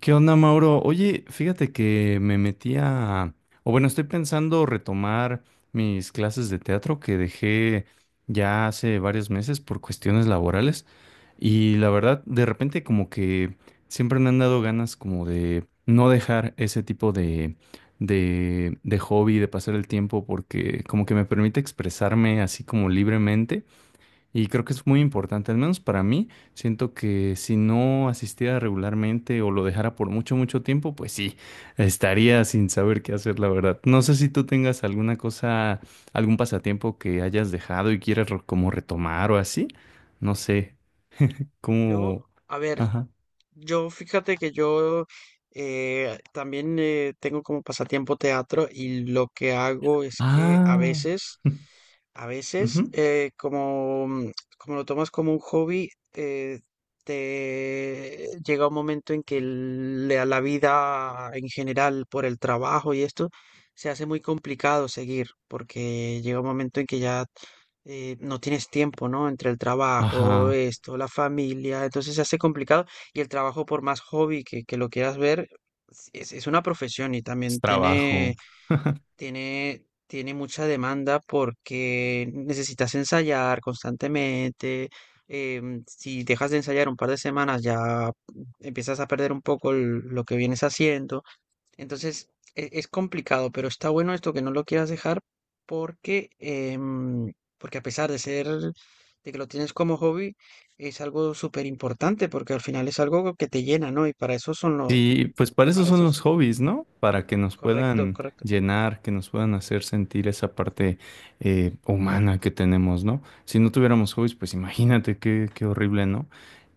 ¿Qué onda, Mauro? Oye, fíjate que me metí a... O bueno, estoy pensando retomar mis clases de teatro que dejé ya hace varios meses por cuestiones laborales. Y la verdad, de repente como que siempre me han dado ganas como de no dejar ese tipo de hobby, de pasar el tiempo, porque como que me permite expresarme así como libremente. Y creo que es muy importante, al menos para mí, siento que si no asistiera regularmente o lo dejara por mucho, mucho tiempo, pues sí, estaría sin saber qué hacer, la verdad. No sé si tú tengas alguna cosa, algún pasatiempo que hayas dejado y quieras como retomar o así. No sé, como... Yo, a ver, Ajá. yo, fíjate que yo también tengo como pasatiempo teatro y lo que hago es que a Ah. veces, a veces, ujú. Como lo tomas como un hobby, te llega un momento en que la vida en general por el trabajo y esto se hace muy complicado seguir, porque llega un momento en que ya no tienes tiempo, ¿no? Entre el trabajo, Ajá. esto, la familia, entonces se hace complicado. Y el trabajo, por más hobby que lo quieras ver, es una profesión y Es también tiene, trabajo. tiene, tiene mucha demanda porque necesitas ensayar constantemente. Si dejas de ensayar un par de semanas, ya empiezas a perder un poco lo que vienes haciendo. Entonces, es complicado, pero está bueno esto que no lo quieras dejar porque, porque a pesar de ser, de que lo tienes como hobby, es algo súper importante porque al final es algo que te llena, ¿no? Y para eso son los, Sí, pues para eso para son eso los es hobbies, ¿no? Para que nos correcto, puedan correcto. llenar, que nos puedan hacer sentir esa parte humana que tenemos, ¿no? Si no tuviéramos hobbies, pues imagínate qué, qué horrible, ¿no?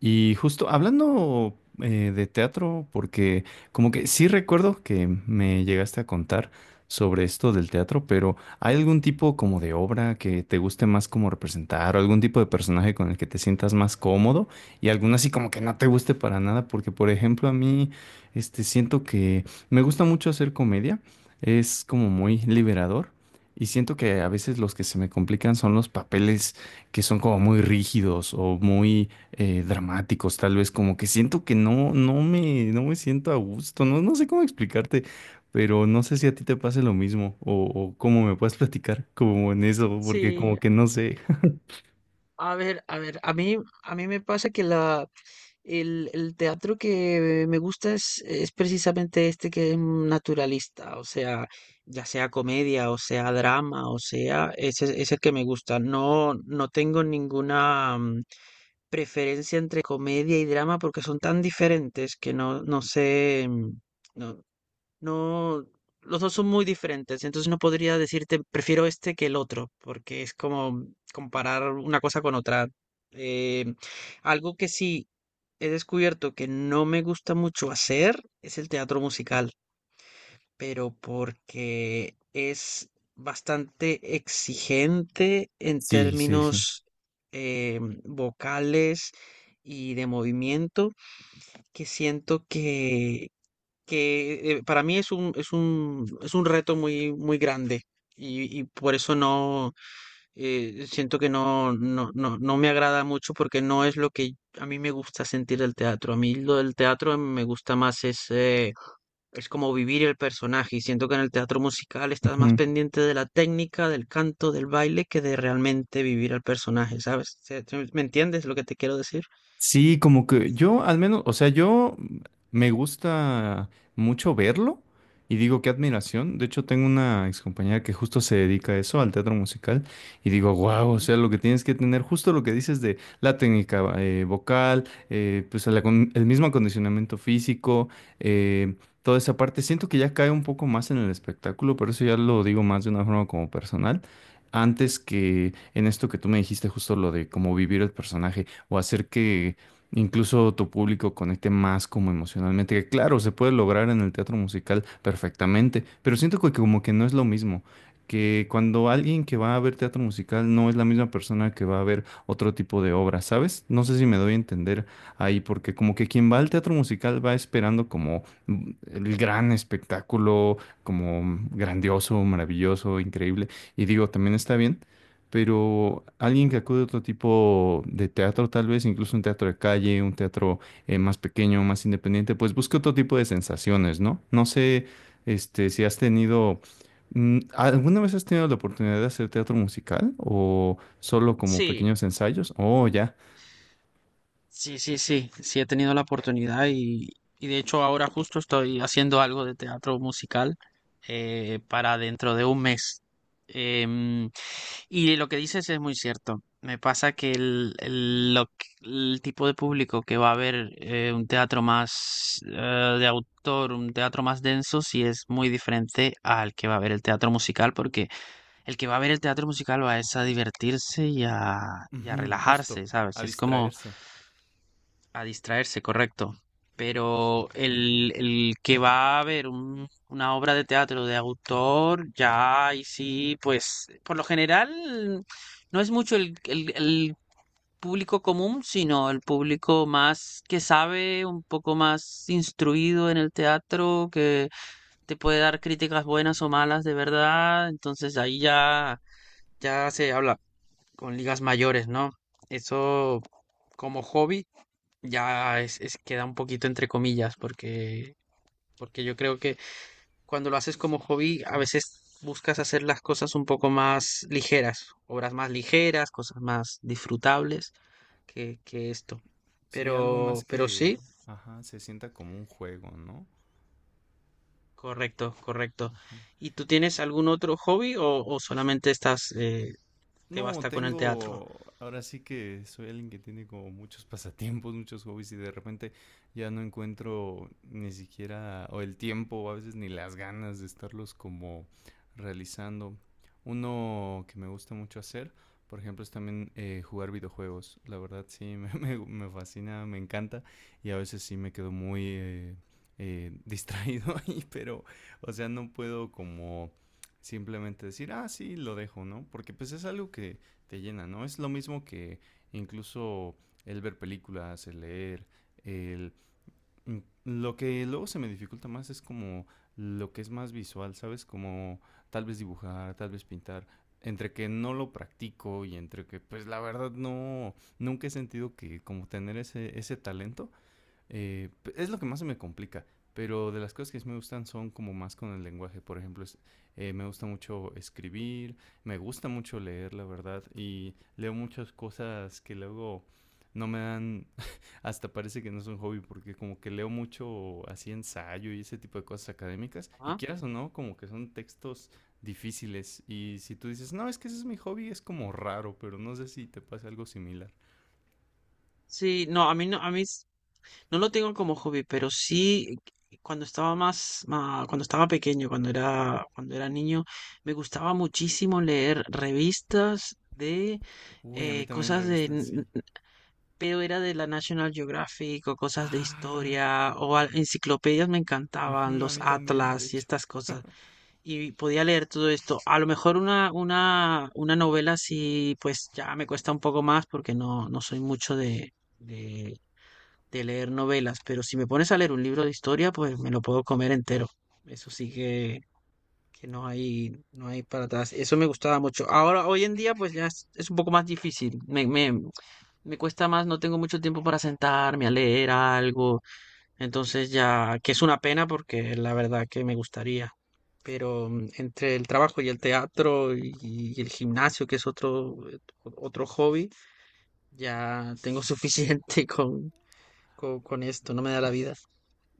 Y justo hablando de teatro, porque como que sí recuerdo que me llegaste a contar sobre esto del teatro, pero ¿hay algún tipo como de obra que te guste más como representar o algún tipo de personaje con el que te sientas más cómodo y alguna así como que no te guste para nada? Porque, por ejemplo, a mí... Este, siento que me gusta mucho hacer comedia, es como muy liberador y siento que a veces los que se me complican son los papeles que son como muy rígidos o muy dramáticos, tal vez como que siento que no, no me siento a gusto, no, no sé cómo explicarte, pero no sé si a ti te pase lo mismo o cómo me puedes platicar como en eso, porque Sí, como que no sé. a ver, a mí me pasa el teatro que me gusta es precisamente este que es naturalista, o sea, ya sea comedia, o sea drama, o sea, ese es el que me gusta. No, no tengo ninguna preferencia entre comedia y drama porque son tan diferentes que no, no sé, mm, no, no, los dos son muy diferentes, entonces no podría decirte prefiero este que el otro, porque es como comparar una cosa con otra. Eh, Algo que sí he descubierto que no me gusta mucho hacer es el teatro musical, pero porque es bastante exigente en Sí, sí, sí. términos eh, vocales y de movimiento, que siento que para mí es un reto muy, muy grande y por eso no siento que no me agrada mucho porque no es lo que a mí me gusta sentir del teatro. A mí lo del teatro me gusta más es como vivir el personaje y siento que en el teatro musical estás más pendiente de la técnica, del canto, del baile que de realmente vivir al personaje, ¿sabes? ¿Me entiendes lo que te quiero decir? Sí, como que yo al menos, o sea, yo me gusta mucho verlo y digo qué admiración. De hecho, tengo una excompañera que justo se dedica a eso, al teatro musical, y digo, wow, o Ujú. sea, lo que tienes que tener, justo lo que dices de la técnica vocal, pues el, el mismo acondicionamiento físico, eh, toda esa parte. Siento que ya cae un poco más en el espectáculo, pero eso ya lo digo más de una forma como personal. Antes que en esto que tú me dijiste, justo lo de cómo vivir el personaje o hacer que incluso tu público conecte más como emocionalmente. Que claro, se puede lograr en el teatro musical perfectamente, pero siento que como que no es lo mismo. Que cuando alguien que va a ver teatro musical no es la misma persona que va a ver otro tipo de obra, ¿sabes? No sé si me doy a entender ahí, porque como que quien va al teatro musical va esperando como el gran espectáculo, como grandioso, maravilloso, increíble, y digo, también está bien, pero alguien que acude a otro tipo de teatro, tal vez incluso un teatro de calle, un teatro más pequeño, más independiente, pues busca otro tipo de sensaciones, ¿no? No sé, este, si has tenido, ¿alguna vez has tenido la oportunidad de hacer teatro musical o solo como Sí. pequeños ensayos? Oh, ya. Sí, he tenido la oportunidad y de hecho ahora justo estoy haciendo algo de teatro musical para dentro de un mes. Em, y lo que dices es muy cierto. Me pasa que el tipo de público que va a ver un teatro más de autor, un teatro más denso, sí es muy diferente al que va a ver el teatro musical, porque el que va a ver el teatro musical va es a divertirse y a Ujú, justo, relajarse, a ¿sabes? Es como distraerse. a distraerse, correcto. Pero el que va a ver una obra de teatro de autor, ya y sí, pues por lo general no es mucho el público común, sino el público más que sabe, un poco más instruido en el teatro, que te puede dar críticas buenas o malas de verdad. Entonces ahí ya, ya se habla con ligas mayores, ¿no? Eso como hobby. Ya queda un poquito entre comillas, porque, porque yo creo que cuando lo haces como hobby, a veces buscas hacer las cosas un poco más ligeras, obras más ligeras, cosas más disfrutables que esto. Sí, algo más Pero que, sí, ajá, se sienta como un juego, ¿no? correcto, correcto. ¿Y tú tienes algún otro hobby o solamente estás, te No, basta con el teatro? tengo, ahora sí que soy alguien que tiene como muchos pasatiempos, muchos hobbies y de repente ya no encuentro ni siquiera o el tiempo o a veces ni las ganas de estarlos como realizando. Uno que me gusta mucho hacer, por ejemplo, es también jugar videojuegos. La verdad sí, me fascina, me encanta y a veces sí me quedo muy distraído ahí, pero, o sea, no puedo como simplemente decir, ah, sí, lo dejo, ¿no? Porque pues es algo que te llena, ¿no? Es lo mismo que incluso el ver películas, el leer, el... mm, lo que luego se me dificulta más es como lo que es más visual, ¿sabes? Como tal vez dibujar, tal vez pintar. Entre que no lo practico y entre que pues la verdad no, nunca he sentido que como tener ese talento eh, es lo que más se me complica, pero de las cosas que sí me gustan son como más con el lenguaje. Por ejemplo, me gusta mucho escribir, me gusta mucho leer, la verdad, y leo muchas cosas que luego no me dan, hasta parece que no es un hobby, porque como que leo mucho así ensayo y ese tipo de cosas académicas, y Ah, quieras o no, como que son textos difíciles, y si tú dices, no, es que ese es mi hobby, es como raro, pero no sé si te pasa algo similar. sí, no, a mí no lo tengo como hobby, pero sí cuando estaba más, cuando estaba pequeño, cuando era niño, me gustaba muchísimo leer revistas de Uy, a mí eh, también cosas de, revistas n- sí. pero era de la National Geographic o cosas de Ah. historia enciclopedias me encantaban, Ujú, a los mí también, de atlas y hecho. estas cosas. Y podía leer todo esto. A lo mejor una novela sí, pues ya me cuesta un poco más porque no, no soy mucho de leer novelas, pero si me pones a leer un libro de historia, pues me lo puedo comer entero. Eso sí que no hay, no hay para atrás. Eso me gustaba mucho. Ahora, hoy en día, pues ya es un poco más difícil. Me cuesta más, no tengo mucho tiempo para sentarme a leer algo. Entonces ya, que es una pena porque la verdad que me gustaría. Pero entre el trabajo y el teatro y el gimnasio, que es otro, otro hobby, ya tengo suficiente con esto, no me da la vida.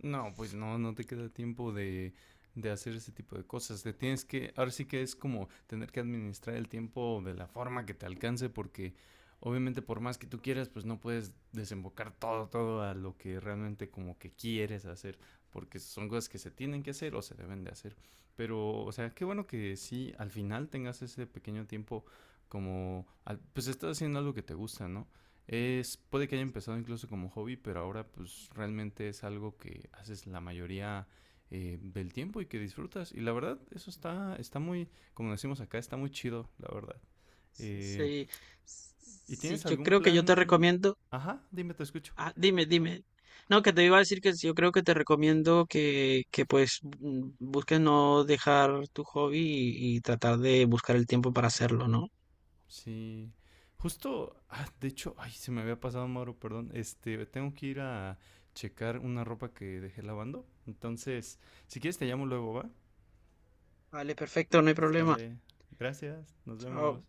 No, pues no, no te queda tiempo de hacer ese tipo de cosas. Te tienes que, ahora sí que es como tener que administrar el tiempo de la forma que te alcance, porque obviamente por más que tú quieras, pues no puedes desembocar todo, todo a lo que realmente como que quieres hacer, porque son cosas que se tienen que hacer o se deben de hacer. Pero, o sea, qué bueno que sí, al final tengas ese pequeño tiempo como, al- pues estás haciendo algo que te gusta, ¿no? Es, puede que haya empezado incluso como hobby, pero ahora pues realmente es algo que haces la mayoría del tiempo y que disfrutas. Y la verdad, eso está, está muy, como decimos acá, está muy chido, la verdad. Eh, Sí, ¿Y sí, tienes yo algún creo que yo te plan? recomiendo. Ajá, dime, te escucho. Ah, dime, dime. No, que te iba a decir que sí, yo creo que te recomiendo que pues busques no dejar tu hobby y tratar de buscar el tiempo para hacerlo, ¿no? Sí. Justo, ah, de hecho, ay, se me había pasado, Mauro, perdón. Este, tengo que ir a checar una ropa que dejé lavando. Entonces, si quieres te llamo luego, ¿va? Vale, perfecto, no hay problema. Sale. Gracias, nos vemos. Chao.